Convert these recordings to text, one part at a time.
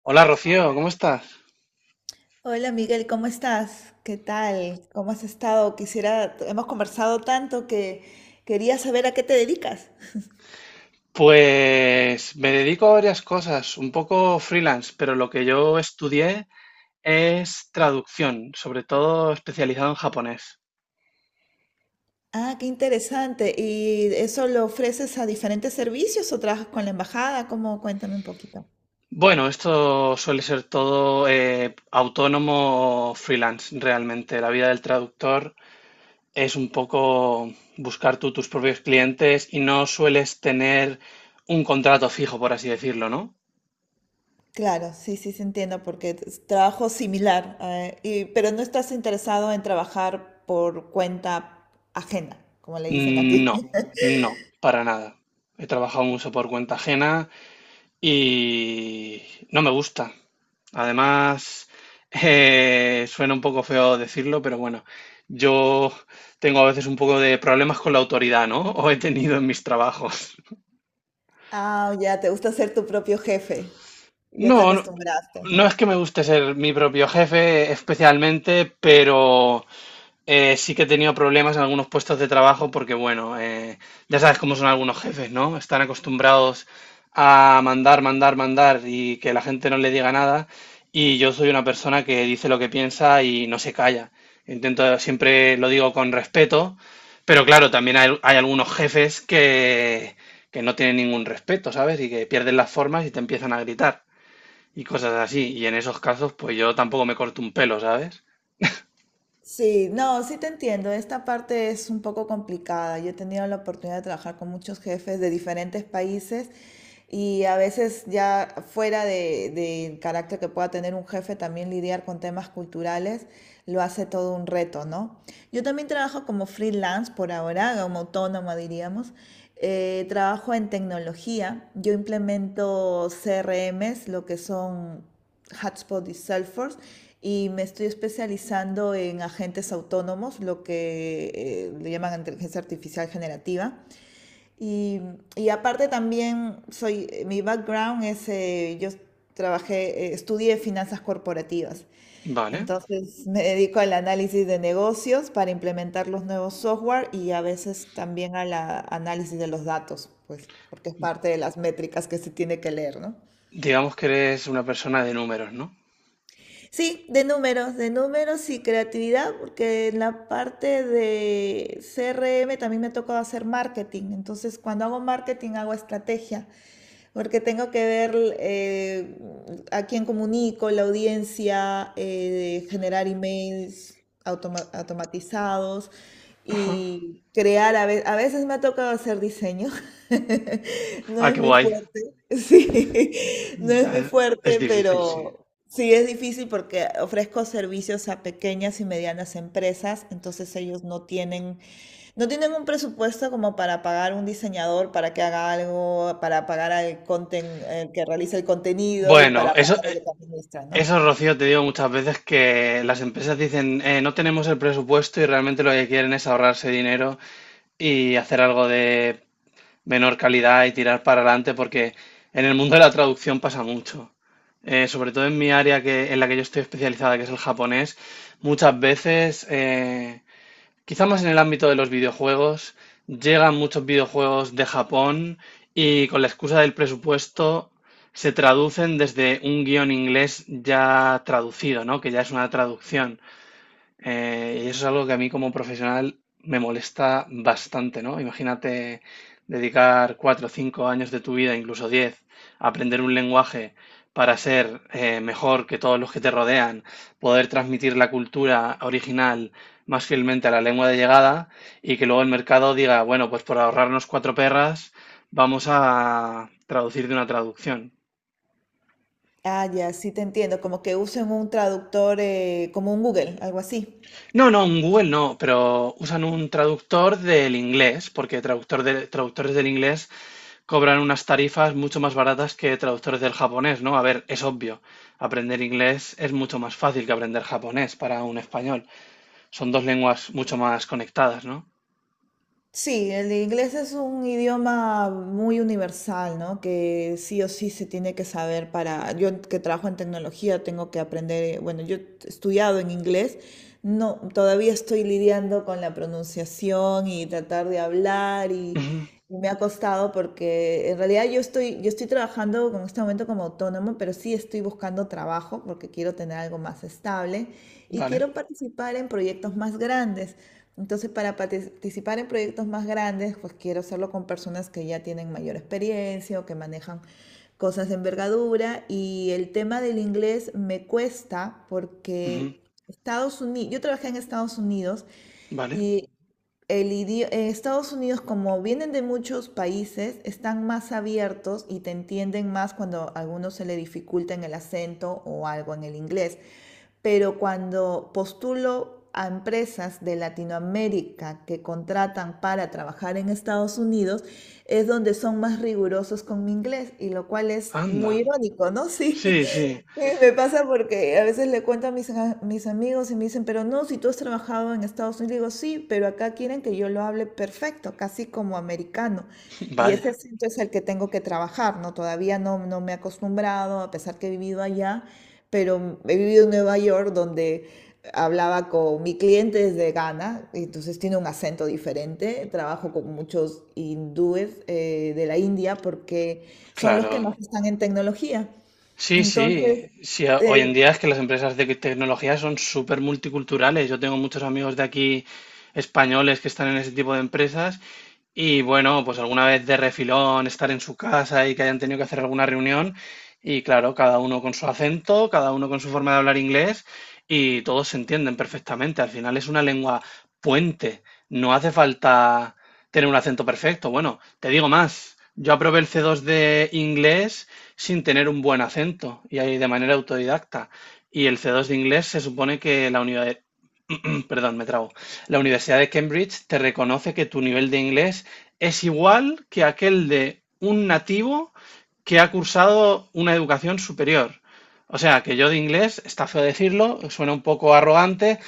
Hola Rocío, ¿cómo estás? Hola Miguel, ¿cómo estás? ¿Qué tal? ¿Cómo has estado? Quisiera, hemos conversado tanto que quería saber a qué te dedicas. Pues me dedico a varias cosas, un poco freelance, pero lo que yo estudié es traducción, sobre todo especializado en japonés. Ah, qué interesante. ¿Y eso lo ofreces a diferentes servicios o trabajas con la embajada? ¿Cómo? Cuéntame un poquito. Bueno, esto suele ser todo autónomo o freelance, realmente. La vida del traductor es un poco buscar tú tus propios clientes y no sueles tener un contrato fijo, por así decirlo, ¿no? Claro, sí, sí, se entiendo, porque es trabajo similar, pero no estás interesado en trabajar por cuenta ajena, como le dicen aquí. No, no, para nada. He trabajado mucho por cuenta ajena. Y no me gusta. Además, suena un poco feo decirlo, pero bueno, yo tengo a veces un poco de problemas con la autoridad, ¿no? O he tenido en mis trabajos. Ah, ya, te gusta ser tu propio jefe. Ya te No, no, acostumbraste. no es que me guste ser mi propio jefe especialmente, pero sí que he tenido problemas en algunos puestos de trabajo porque, ya sabes cómo son algunos jefes, ¿no? Están acostumbrados a mandar, mandar, mandar y que la gente no le diga nada. Y yo soy una persona que dice lo que piensa y no se calla. Intento, siempre lo digo con respeto, pero claro, también hay algunos jefes que no tienen ningún respeto, ¿sabes? Y que pierden las formas y te empiezan a gritar y cosas así. Y en esos casos, pues yo tampoco me corto un pelo, ¿sabes? Sí, no, sí te entiendo. Esta parte es un poco complicada. Yo he tenido la oportunidad de trabajar con muchos jefes de diferentes países y a veces ya fuera de, del carácter que pueda tener un jefe, también lidiar con temas culturales lo hace todo un reto, ¿no? Yo también trabajo como freelance por ahora, como autónoma diríamos. Trabajo en tecnología. Yo implemento CRMs, lo que son Hotspot y Salesforce y me estoy especializando en agentes autónomos, lo que le llaman inteligencia artificial generativa. Y, y aparte también soy, mi background es, yo trabajé, estudié finanzas corporativas. Vale. Entonces me dedico al análisis de negocios para implementar los nuevos software y a veces también al análisis de los datos, pues, porque es parte de las métricas que se tiene que leer, ¿no? Digamos que eres una persona de números, ¿no? Sí, de números y creatividad, porque en la parte de CRM también me ha tocado hacer marketing. Entonces, cuando hago marketing, hago estrategia porque tengo que ver a quién comunico, la audiencia, generar emails automatizados y crear, a veces me ha tocado hacer diseño, no Ah, es qué mi guay. fuerte, sí, no es mi Ya es fuerte, difícil, sí. pero sí es difícil porque ofrezco servicios a pequeñas y medianas empresas, entonces ellos no tienen un presupuesto como para pagar un diseñador para que haga algo, para pagar al el que realiza el contenido y Bueno, para pagar al que administra, ¿no? eso, Rocío, te digo muchas veces que las empresas dicen: no tenemos el presupuesto", y realmente lo que quieren es ahorrarse dinero y hacer algo de menor calidad y tirar para adelante, porque en el mundo de la traducción pasa mucho. Sobre todo en mi área, que, en la que yo estoy especializada, que es el japonés, muchas veces quizá más en el ámbito de los videojuegos, llegan muchos videojuegos de Japón y con la excusa del presupuesto se traducen desde un guión inglés ya traducido, ¿no? Que ya es una traducción. Y eso es algo que a mí como profesional me molesta bastante, ¿no? Imagínate dedicar cuatro o cinco años de tu vida, incluso diez, a aprender un lenguaje para ser mejor que todos los que te rodean, poder transmitir la cultura original más fielmente a la lengua de llegada, y que luego el mercado diga, bueno, pues por ahorrarnos cuatro perras, vamos a traducir de una traducción. Ah, ya, sí te entiendo. Como que usen un traductor, como un Google, algo así. No, no, en Google no, pero usan un traductor del inglés, porque traductores del inglés cobran unas tarifas mucho más baratas que traductores del japonés, ¿no? A ver, es obvio, aprender inglés es mucho más fácil que aprender japonés para un español. Son dos lenguas mucho más conectadas, ¿no? Sí, el inglés es un idioma muy universal, ¿no? Que sí o sí se tiene que saber para... Yo que trabajo en tecnología tengo que aprender, bueno, yo he estudiado en inglés, no, todavía estoy lidiando con la pronunciación y tratar de hablar y, Ujú, y me ha costado porque en realidad yo estoy trabajando en este momento como autónomo, pero sí estoy buscando trabajo porque quiero tener algo más estable y vale, quiero participar en proyectos más grandes. Entonces, para participar en proyectos más grandes, pues quiero hacerlo con personas que ya tienen mayor experiencia o que manejan cosas de envergadura. Y el tema del inglés me cuesta ujú, porque Estados Unidos, yo trabajé en Estados Unidos. vale. Y Estados Unidos, como vienen de muchos países, están más abiertos y te entienden más cuando a algunos se le dificulta en el acento o algo en el inglés. Pero cuando postulo a empresas de Latinoamérica que contratan para trabajar en Estados Unidos, es donde son más rigurosos con mi inglés, y lo cual es Anda. muy irónico, ¿no? Sí, Sí, sí. sí, me pasa porque a veces le cuento a mis amigos y me dicen, pero no, si tú has trabajado en Estados Unidos, digo, sí, pero acá quieren que yo lo hable perfecto, casi como americano. Y Vaya, ese acento es el que tengo que trabajar, ¿no? Todavía no me he acostumbrado, a pesar que he vivido allá, pero he vivido en Nueva York donde hablaba con mi cliente desde Ghana, y entonces tiene un acento diferente. Trabajo con muchos hindúes de la India porque son los que claro. más están en tecnología. Sí, sí, Entonces, sí, hoy eh, en día es que las empresas de tecnología son súper multiculturales. Yo tengo muchos amigos de aquí españoles que están en ese tipo de empresas y bueno, pues alguna vez de refilón, estar en su casa y que hayan tenido que hacer alguna reunión. Y claro, cada uno con su acento, cada uno con su forma de hablar inglés, y todos se entienden perfectamente. Al final es una lengua puente. No hace falta tener un acento perfecto. Bueno, te digo más. Yo aprobé el C2 de inglés sin tener un buen acento y ahí de manera autodidacta. Y el C2 de inglés se supone que perdón, me trago. La Universidad de Cambridge te reconoce que tu nivel de inglés es igual que aquel de un nativo que ha cursado una educación superior. O sea, que yo de inglés, está feo decirlo, suena un poco arrogante,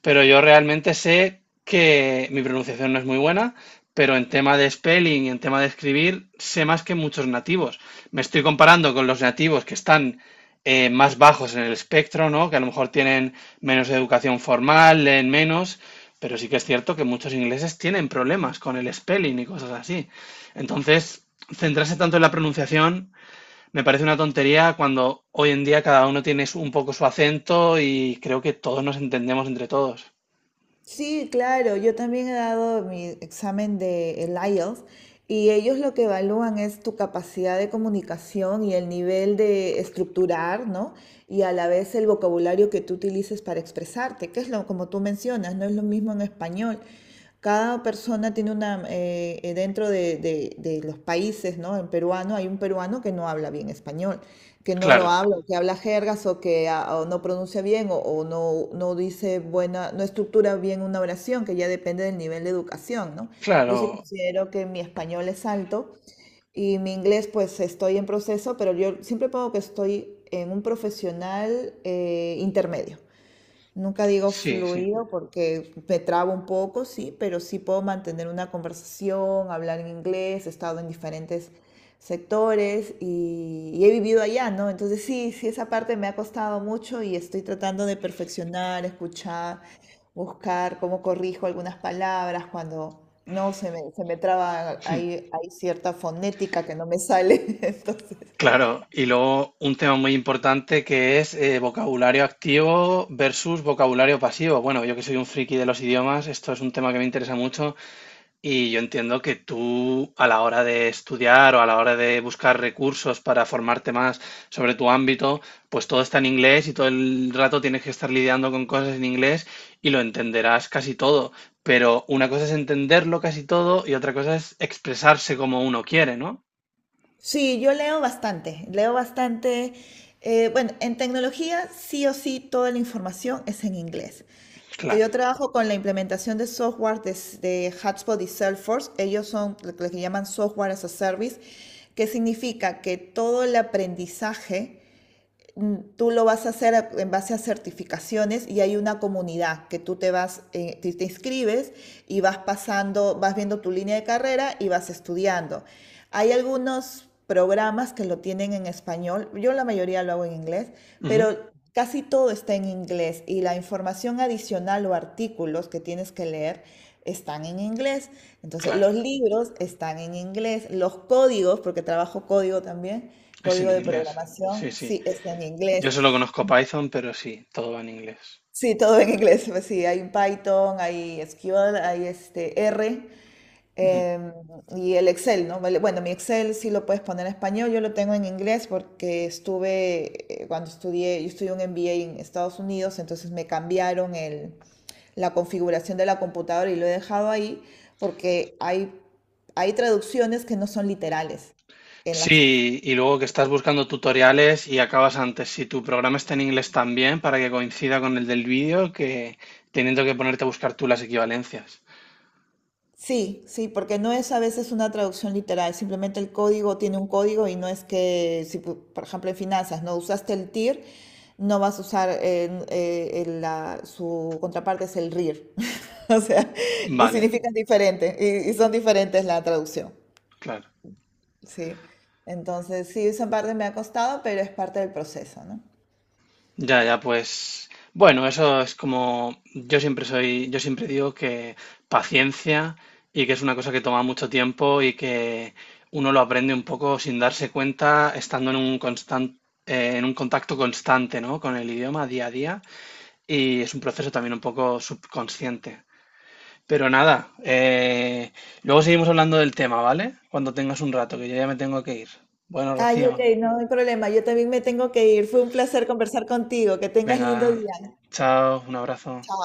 pero yo realmente sé que mi pronunciación no es muy buena, pero en tema de spelling y en tema de escribir sé más que muchos nativos. Me estoy comparando con los nativos que están más bajos en el espectro, ¿no? Que a lo mejor tienen menos educación formal, leen menos, pero sí que es cierto que muchos ingleses tienen problemas con el spelling y cosas así. Entonces, centrarse tanto en la pronunciación me parece una tontería cuando hoy en día cada uno tiene un poco su acento y creo que todos nos entendemos entre todos. sí, claro, yo también he dado mi examen de el IELTS y ellos lo que evalúan es tu capacidad de comunicación y el nivel de estructurar, ¿no? Y a la vez el vocabulario que tú utilices para expresarte, que es lo como tú mencionas, no es lo mismo en español. Cada persona tiene una, dentro de, de los países, ¿no? En peruano hay un peruano que no habla bien español, que no lo Claro, habla, que habla jergas o que ah, o no pronuncia bien o, no dice buena, no estructura bien una oración, que ya depende del nivel de educación, ¿no? Yo sí claro, considero que mi español es alto y mi inglés pues estoy en proceso, pero yo siempre pongo que estoy en un profesional intermedio. Nunca digo sí, sí. fluido porque me trabo un poco, sí, pero sí puedo mantener una conversación, hablar en inglés, he estado en diferentes sectores y he vivido allá, ¿no? Entonces sí, sí, esa parte me ha costado mucho y estoy tratando de perfeccionar, escuchar, buscar cómo corrijo algunas palabras cuando no se me, se me traba Hmm. ahí, hay cierta fonética que no me sale, entonces Claro, y luego un tema muy importante que es vocabulario activo versus vocabulario pasivo. Bueno, yo que soy un friki de los idiomas, esto es un tema que me interesa mucho y yo entiendo que tú a la hora de estudiar o a la hora de buscar recursos para formarte más sobre tu ámbito, pues todo está en inglés y todo el rato tienes que estar lidiando con cosas en inglés, y lo entenderás casi todo. Pero una cosa es entenderlo casi todo y otra cosa es expresarse como uno quiere, ¿no? sí, yo leo bastante, leo bastante. Bueno, en tecnología sí o sí toda la información es en inglés. Claro. Yo trabajo con la implementación de software de HubSpot y Salesforce. Ellos son lo que llaman software as a service, que significa que todo el aprendizaje tú lo vas a hacer en base a certificaciones y hay una comunidad que tú te vas, te, te inscribes y vas pasando, vas viendo tu línea de carrera y vas estudiando. Hay algunos programas que lo tienen en español, yo la mayoría lo hago en inglés, Ujú, pero casi todo está en inglés y la información adicional o artículos que tienes que leer están en inglés. Entonces, claro. los libros están en inglés, los códigos, porque trabajo código también, Es en código de inglés, programación, sí, sí. sí, está en inglés. Yo solo conozco Python, pero sí, todo va en inglés. Sí, todo en inglés. Pues sí, hay un Python, hay SQL, hay este R Ujú. em, y el Excel, ¿no? Vale, bueno, mi Excel sí lo puedes poner en español, yo lo tengo en inglés porque estuve, cuando estudié, yo estudié un MBA en Estados Unidos, entonces me cambiaron la configuración de la computadora y lo he dejado ahí porque hay traducciones que no son literales en las. Sí, y luego que estás buscando tutoriales y acabas antes. Si tu programa está en inglés también, para que coincida con el del vídeo, que teniendo que ponerte a buscar tú las equivalencias. Sí, sí, porque no es a veces una traducción literal, simplemente el código tiene un código y no es que, si por ejemplo en finanzas no usaste el TIR, no vas a usar, su contraparte es el RIR, o sea, y Vale, significan diferente, y son diferentes la traducción, claro. sí. Entonces, sí, esa parte me ha costado, pero es parte del proceso, ¿no? Ya, ya, pues bueno, eso es como yo siempre soy, yo siempre digo que paciencia y que es una cosa que toma mucho tiempo y que uno lo aprende un poco sin darse cuenta, estando en un en un contacto constante, ¿no? Con el idioma día a día y es un proceso también un poco subconsciente. Pero nada, luego seguimos hablando del tema, ¿vale? Cuando tengas un rato, que yo ya me tengo que ir. Bueno, Ay, Rocío, ok, vale, no hay problema, yo también me tengo que ir, fue un placer conversar contigo, que tengas lindo venga, día. chao, un abrazo. Chao.